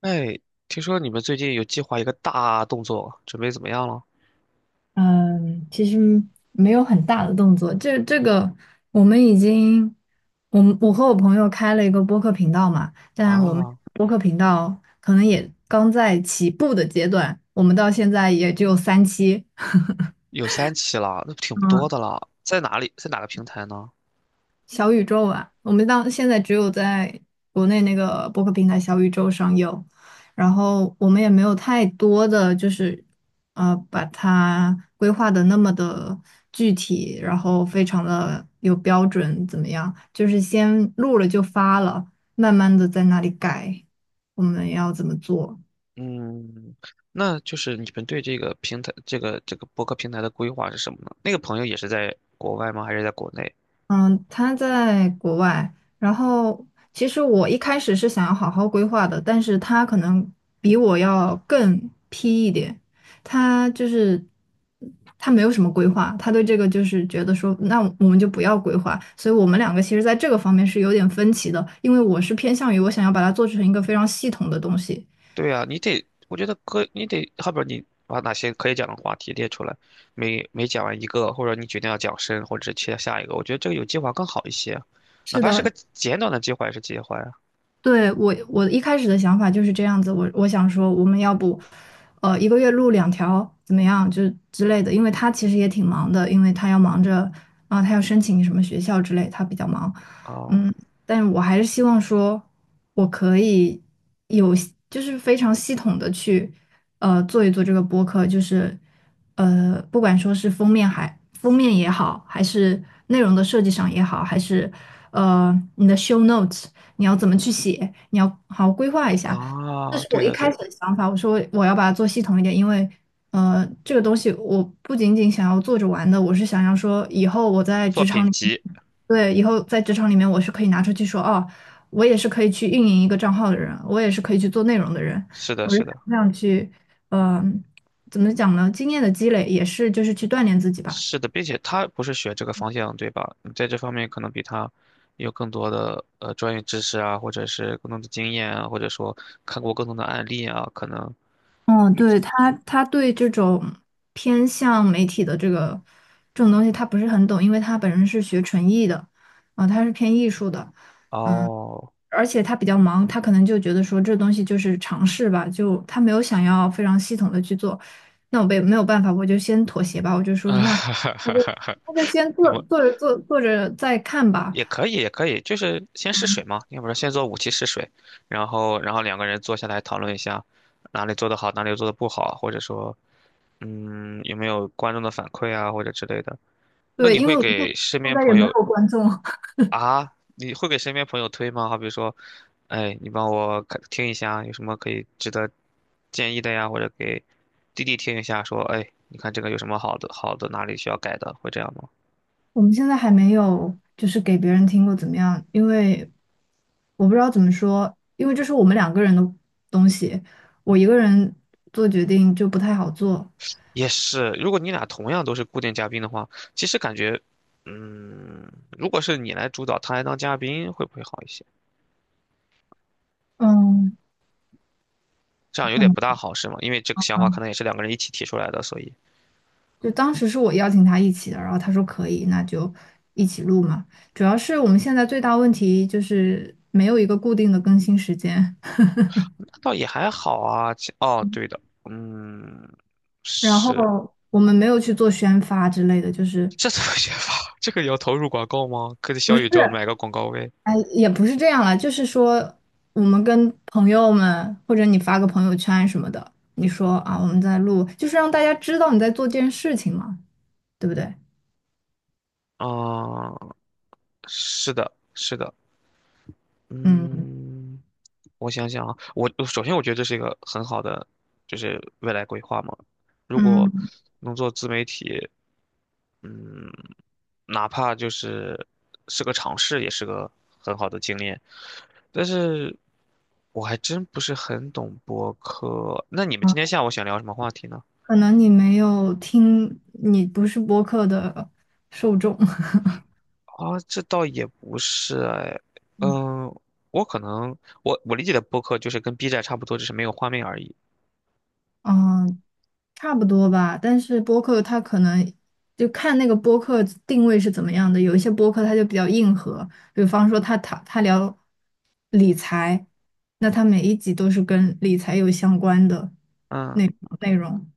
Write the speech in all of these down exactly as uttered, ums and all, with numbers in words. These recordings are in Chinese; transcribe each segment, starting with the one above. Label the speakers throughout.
Speaker 1: 哎，听说你们最近有计划一个大动作，准备怎么样了？
Speaker 2: 嗯，其实没有很大的动作，这这个我们已经，我们我和我朋友开了一个播客频道嘛，但我们
Speaker 1: 啊，
Speaker 2: 播客频道可能也刚在起步的阶段，我们到现在也只有三期。
Speaker 1: 有三期了，那挺多
Speaker 2: 嗯，
Speaker 1: 的了。在哪里？在哪个平台呢？
Speaker 2: 小宇宙啊，我们当现在只有在国内那个播客平台小宇宙上有，然后我们也没有太多的就是呃把它规划的那么的具体，然后非常的有标准，怎么样？就是先录了就发了，慢慢的在那里改，我们要怎么做？
Speaker 1: 嗯，那就是你们对这个平台、这个这个博客平台的规划是什么呢？那个朋友也是在国外吗？还是在国内？
Speaker 2: 嗯，他在国外，然后其实我一开始是想要好好规划的，但是他可能比我要更 P 一点，他就是他没有什么规划，他对这个就是觉得说，那我们就不要规划，所以我们两个其实在这个方面是有点分歧的，因为我是偏向于我想要把它做成一个非常系统的东西。
Speaker 1: 对啊，你得，我觉得可，你得，后边你把哪些可以讲的话题列出来，每每讲完一个，或者你决定要讲深，或者是切下一个，我觉得这个有计划更好一些，哪
Speaker 2: 是
Speaker 1: 怕是
Speaker 2: 的，
Speaker 1: 个简短的计划也是计划呀。
Speaker 2: 对，我我一开始的想法就是这样子，我我想说我们要不，呃，一个月录两条怎么样，就之类的，因为他其实也挺忙的，因为他要忙着啊，他要申请什么学校之类，他比较忙，
Speaker 1: 哦。
Speaker 2: 嗯，但我还是希望说我可以有就是非常系统的去呃做一做这个播客，就是呃不管说是封面还封面也好，还是内容的设计上也好，还是呃你的 show notes。你要怎么去写，你要好好规划一下。这
Speaker 1: 啊，
Speaker 2: 是我
Speaker 1: 对
Speaker 2: 一
Speaker 1: 的对
Speaker 2: 开始
Speaker 1: 的，
Speaker 2: 的想法，我说我要把它做系统一点，因为呃，这个东西我不仅仅想要做着玩的，我是想要说以后我在
Speaker 1: 作
Speaker 2: 职场
Speaker 1: 品
Speaker 2: 里，
Speaker 1: 集，
Speaker 2: 对，以后在职场里面我是可以拿出去说，哦，我也是可以去运营一个账号的人，我也是可以去做内容的人，
Speaker 1: 是的
Speaker 2: 我是
Speaker 1: 是
Speaker 2: 想
Speaker 1: 的
Speaker 2: 这样去，嗯、怎么讲呢？经验的积累也是就是去锻炼自己吧。
Speaker 1: 是的，并且他不是学这个方向对吧？你在这方面可能比他有更多的呃专业知识啊，或者是更多的经验啊，或者说看过更多的案例啊，可能
Speaker 2: 嗯，对，他，他对这种偏向媒体的这个这种东西，他不是很懂，因为他本人是学纯艺的，啊、他是偏艺术的，嗯，
Speaker 1: 哦，
Speaker 2: 而且他比较忙，他可能就觉得说这东西就是尝试吧，就他没有想要非常系统的去做，那我被没有办法，我就先妥协吧，我就 说
Speaker 1: 啊
Speaker 2: 那
Speaker 1: 哈
Speaker 2: 那
Speaker 1: 哈哈
Speaker 2: 就
Speaker 1: 哈，
Speaker 2: 那就先
Speaker 1: 那
Speaker 2: 做
Speaker 1: 么
Speaker 2: 做着做做着再看吧，
Speaker 1: 也可以也可以，就是先试水嘛，要不然先做五期试水，然后然后两个人坐下来讨论一下哪里做得好，哪里做得不好，或者说嗯有没有观众的反馈啊，或者之类的。那
Speaker 2: 对，
Speaker 1: 你
Speaker 2: 因为
Speaker 1: 会
Speaker 2: 我们看
Speaker 1: 给身
Speaker 2: 现
Speaker 1: 边
Speaker 2: 在也
Speaker 1: 朋
Speaker 2: 没
Speaker 1: 友
Speaker 2: 有观众。
Speaker 1: 啊？你会给身边朋友推吗？好比说，哎，你帮我看听一下，有什么可以值得建议的呀？或者给弟弟听一下，说，哎，你看这个有什么好的，好的哪里需要改的，会这样吗？
Speaker 2: 我们现在还没有就是给别人听过怎么样，因为我不知道怎么说，因为这是我们两个人的东西，我一个人做决定就不太好做。
Speaker 1: 也是，如果你俩同样都是固定嘉宾的话，其实感觉，嗯，如果是你来主导，他来当嘉宾，会不会好一些？
Speaker 2: 嗯，
Speaker 1: 这样有
Speaker 2: 可
Speaker 1: 点
Speaker 2: 能
Speaker 1: 不大好，是吗？因为这个
Speaker 2: 啊，
Speaker 1: 想法可能也是两个人一起提出来的，所以。
Speaker 2: 就当时是我邀请他一起的，然后他说可以，那就一起录嘛。主要是我们现在最大问题就是没有一个固定的更新时间，
Speaker 1: 倒也还好啊。其哦，对的，嗯，
Speaker 2: 然
Speaker 1: 是，
Speaker 2: 后我们没有去做宣发之类的，就是
Speaker 1: 这怎么写法？这个也要投入广告吗？可以
Speaker 2: 不
Speaker 1: 小
Speaker 2: 是。
Speaker 1: 宇宙买个广告位
Speaker 2: 哎，也不是这样了，就是说，我们跟朋友们，或者你发个朋友圈什么的，你说啊，我们在录，就是让大家知道你在做这件事情嘛，对不对？
Speaker 1: 啊，是的，是的，
Speaker 2: 嗯
Speaker 1: 嗯，我想想啊，我我首先我觉得这是一个很好的，就是未来规划嘛。如果
Speaker 2: 嗯，
Speaker 1: 能做自媒体，嗯，哪怕就是是个尝试，也是个很好的经验。但是我还真不是很懂播客。那你们今天
Speaker 2: 啊
Speaker 1: 下午想聊什么话题呢？
Speaker 2: 可能你没有听，你不是播客的受众。
Speaker 1: 啊，这倒也不是哎，嗯，我可能我我理解的播客就是跟 B 站差不多，只是没有画面而已。
Speaker 2: 嗯，差不多吧，但是播客它可能就看那个播客定位是怎么样的。有一些播客它就比较硬核，比方说他他他聊理财，那他每一集都是跟理财有相关的
Speaker 1: 嗯，
Speaker 2: 内容。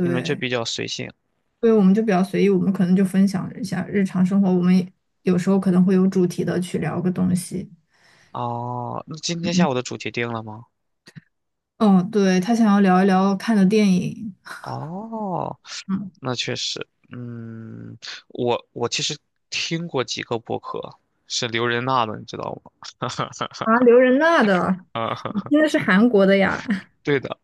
Speaker 1: 你们就比较随性
Speaker 2: 所以我们就比较随意，我们可能就分享一下日常生活，我们也有时候可能会有主题的去聊个东西。
Speaker 1: 哦。那今天
Speaker 2: 嗯，
Speaker 1: 下午的主题定了吗？
Speaker 2: 哦，对，他想要聊一聊看的电影。
Speaker 1: 哦，
Speaker 2: 嗯，
Speaker 1: 那确实，嗯，我我其实听过几个播客，是刘仁娜的，你知道吗？
Speaker 2: 啊，刘仁娜的，
Speaker 1: 啊、
Speaker 2: 你 听的是韩国的呀，
Speaker 1: 对的，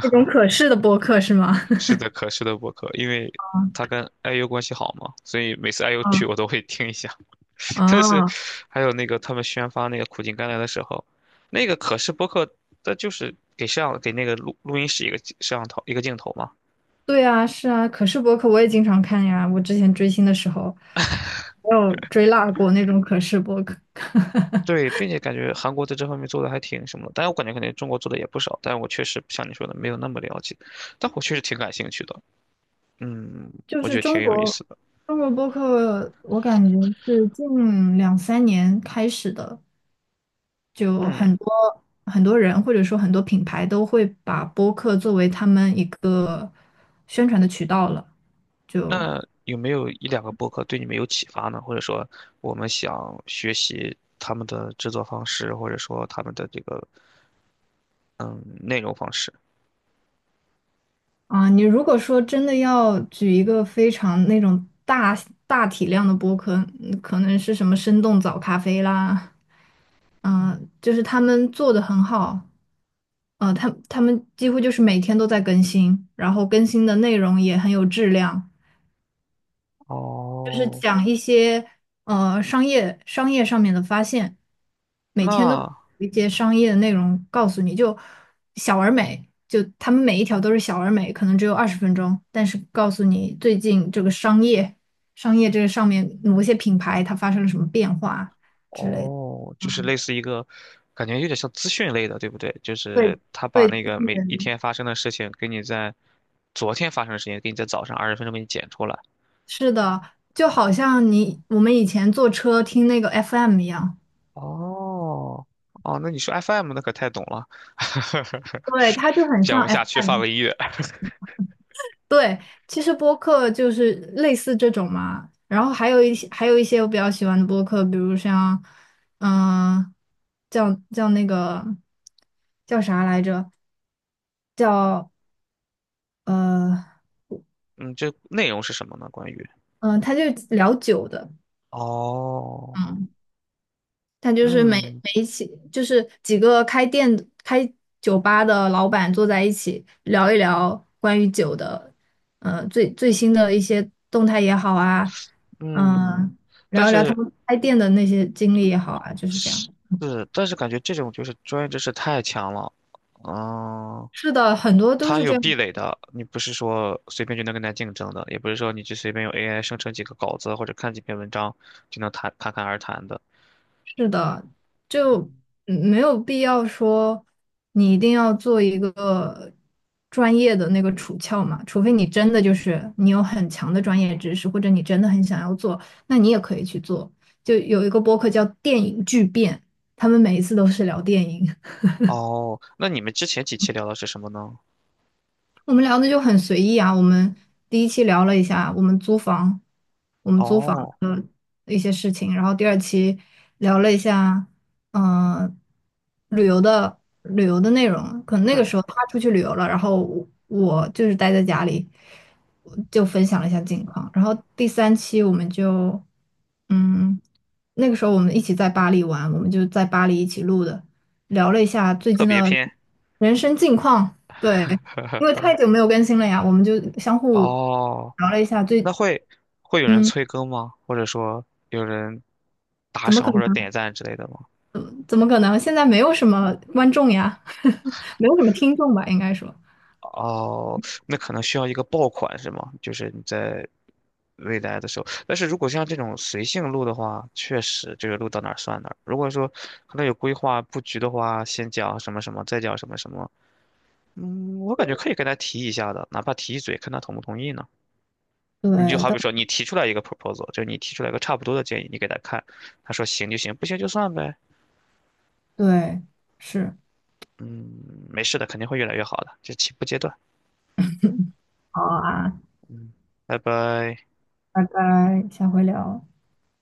Speaker 2: 那种可视的播客是吗？
Speaker 1: 是的，可是的播客，因为他跟 I U 关系好嘛，所以每次 I U
Speaker 2: 啊，
Speaker 1: 去我都会听一下。但是
Speaker 2: 啊，
Speaker 1: 还有那个他们宣发那个苦尽甘来的时候，那个可视播客，它就是给摄像给那个录录音室一个摄像头一个镜头嘛，
Speaker 2: 对啊，是啊，可视博客我也经常看呀。我之前追星的时候，我有追辣过那种可视博客。
Speaker 1: 对，并且感觉韩国在这方面做的还挺什么的，但我感觉肯定中国做的也不少，但我确实像你说的没有那么了解，但我确实挺感兴趣的，嗯，
Speaker 2: 就
Speaker 1: 我觉
Speaker 2: 是
Speaker 1: 得挺
Speaker 2: 中
Speaker 1: 有意
Speaker 2: 国
Speaker 1: 思的，
Speaker 2: 中国博客，我感觉是近两三年开始的，就
Speaker 1: 嗯，
Speaker 2: 很多很多人或者说很多品牌都会把播客作为他们一个宣传的渠道了。就
Speaker 1: 那有没有一两个播客对你们有启发呢？或者说我们想学习他们的制作方式，或者说他们的这个嗯内容方式？
Speaker 2: 啊，你如果说真的要举一个非常那种大大体量的播客，嗯可能是什么生动早咖啡啦，嗯、就是他们做的很好，呃，他他们几乎就是每天都在更新，然后更新的内容也很有质量，就是
Speaker 1: 哦，
Speaker 2: 讲一些呃商业商业上面的发现，每天都会
Speaker 1: 那。
Speaker 2: 有一些商业的内容告诉你，就小而美，就他们每一条都是小而美，可能只有二十分钟，但是告诉你最近这个商业商业这个上面某些品牌它发生了什么变化之类的。
Speaker 1: 哦，就是
Speaker 2: 嗯，
Speaker 1: 类似一个，感觉有点像资讯类的，对不对？就
Speaker 2: 对
Speaker 1: 是他把
Speaker 2: 对，
Speaker 1: 那
Speaker 2: 就
Speaker 1: 个每一
Speaker 2: 是
Speaker 1: 天发生的事情，给你在昨天发生的事情，给你在早上二十分钟给你剪出来。
Speaker 2: 是的，就好像你我们以前坐车听那个 F M 一样，
Speaker 1: 哦，哦，那你说 F M 那可太懂了，
Speaker 2: 对，它就很
Speaker 1: 讲
Speaker 2: 像
Speaker 1: 不下去，放
Speaker 2: F M。
Speaker 1: 个音乐。
Speaker 2: 对，其实播客就是类似这种嘛，然后还有一些还有一些我比较喜欢的播客，比如像，嗯、叫叫那个叫啥来着？叫呃
Speaker 1: 嗯，这内容是什么呢？关于
Speaker 2: 嗯、呃他就聊酒的，
Speaker 1: 哦，
Speaker 2: 嗯他就是每
Speaker 1: 嗯
Speaker 2: 每一起，就是几个开店的开酒吧的老板坐在一起聊一聊关于酒的，呃，最最新的一些动态也好啊，
Speaker 1: 嗯，
Speaker 2: 嗯、
Speaker 1: 但
Speaker 2: 聊一聊他
Speaker 1: 是
Speaker 2: 们开店的那些经历也好啊，就是这样。
Speaker 1: 是，但是感觉这种就是专业知识太强了，嗯、
Speaker 2: 是的，很多都
Speaker 1: 它
Speaker 2: 是
Speaker 1: 有
Speaker 2: 这
Speaker 1: 壁
Speaker 2: 样。
Speaker 1: 垒的，你不是说随便就能跟它竞争的，也不是说你去随便用 A I 生成几个稿子或者看几篇文章就能谈侃侃而谈的。
Speaker 2: 是的，就嗯没有必要说你一定要做一个专业的那个处翘嘛，除非你真的就是你有很强的专业知识，或者你真的很想要做，那你也可以去做。就有一个播客叫《电影巨变》，他们每一次都是聊电影，
Speaker 1: 哦，那你们之前几期聊的是什么呢？
Speaker 2: 我们聊的就很随意啊。我们第一期聊了一下我们租房，我们租房。
Speaker 1: 哦，
Speaker 2: 一些事情，然后第二期聊了一下，嗯、呃旅游的旅游的内容。可能那个
Speaker 1: 嗯，
Speaker 2: 时候他出去旅游了，然后我我就是待在家里，我就分享了一下近况。然后第三期我们就，嗯，那个时候我们一起在巴黎玩，我们就在巴黎一起录的，聊了一下最
Speaker 1: 特
Speaker 2: 近
Speaker 1: 别
Speaker 2: 的
Speaker 1: 篇。
Speaker 2: 人生近况。对，因为太久没有更新了呀，我们就相互
Speaker 1: 哦，
Speaker 2: 聊了一下
Speaker 1: 那
Speaker 2: 最，
Speaker 1: 会会有人
Speaker 2: 嗯，
Speaker 1: 催更吗？或者说有人打
Speaker 2: 怎么可
Speaker 1: 赏或者
Speaker 2: 能？
Speaker 1: 点赞之类的吗？
Speaker 2: 怎么可能？现在没有什么观众呀，没有什么听众吧，应该说。
Speaker 1: 哦，那可能需要一个爆款是吗？就是你在未来的时候，但是如果像这种随性录的话，确实这个录到哪儿算哪儿。如果说可能有规划布局的话，先讲什么什么，再讲什么什么，嗯，我感觉可以跟他提一下的，哪怕提一嘴，看他同不同意呢。你就
Speaker 2: 对，
Speaker 1: 好
Speaker 2: 到
Speaker 1: 比说，你提出来一个 proposal，就是你提出来一个差不多的建议，你给他看，他说行就行，不行就算呗。
Speaker 2: 对，是，
Speaker 1: 嗯，没事的，肯定会越来越好的，这起步阶段。
Speaker 2: 好啊，
Speaker 1: 拜拜。
Speaker 2: 拜拜，下回聊。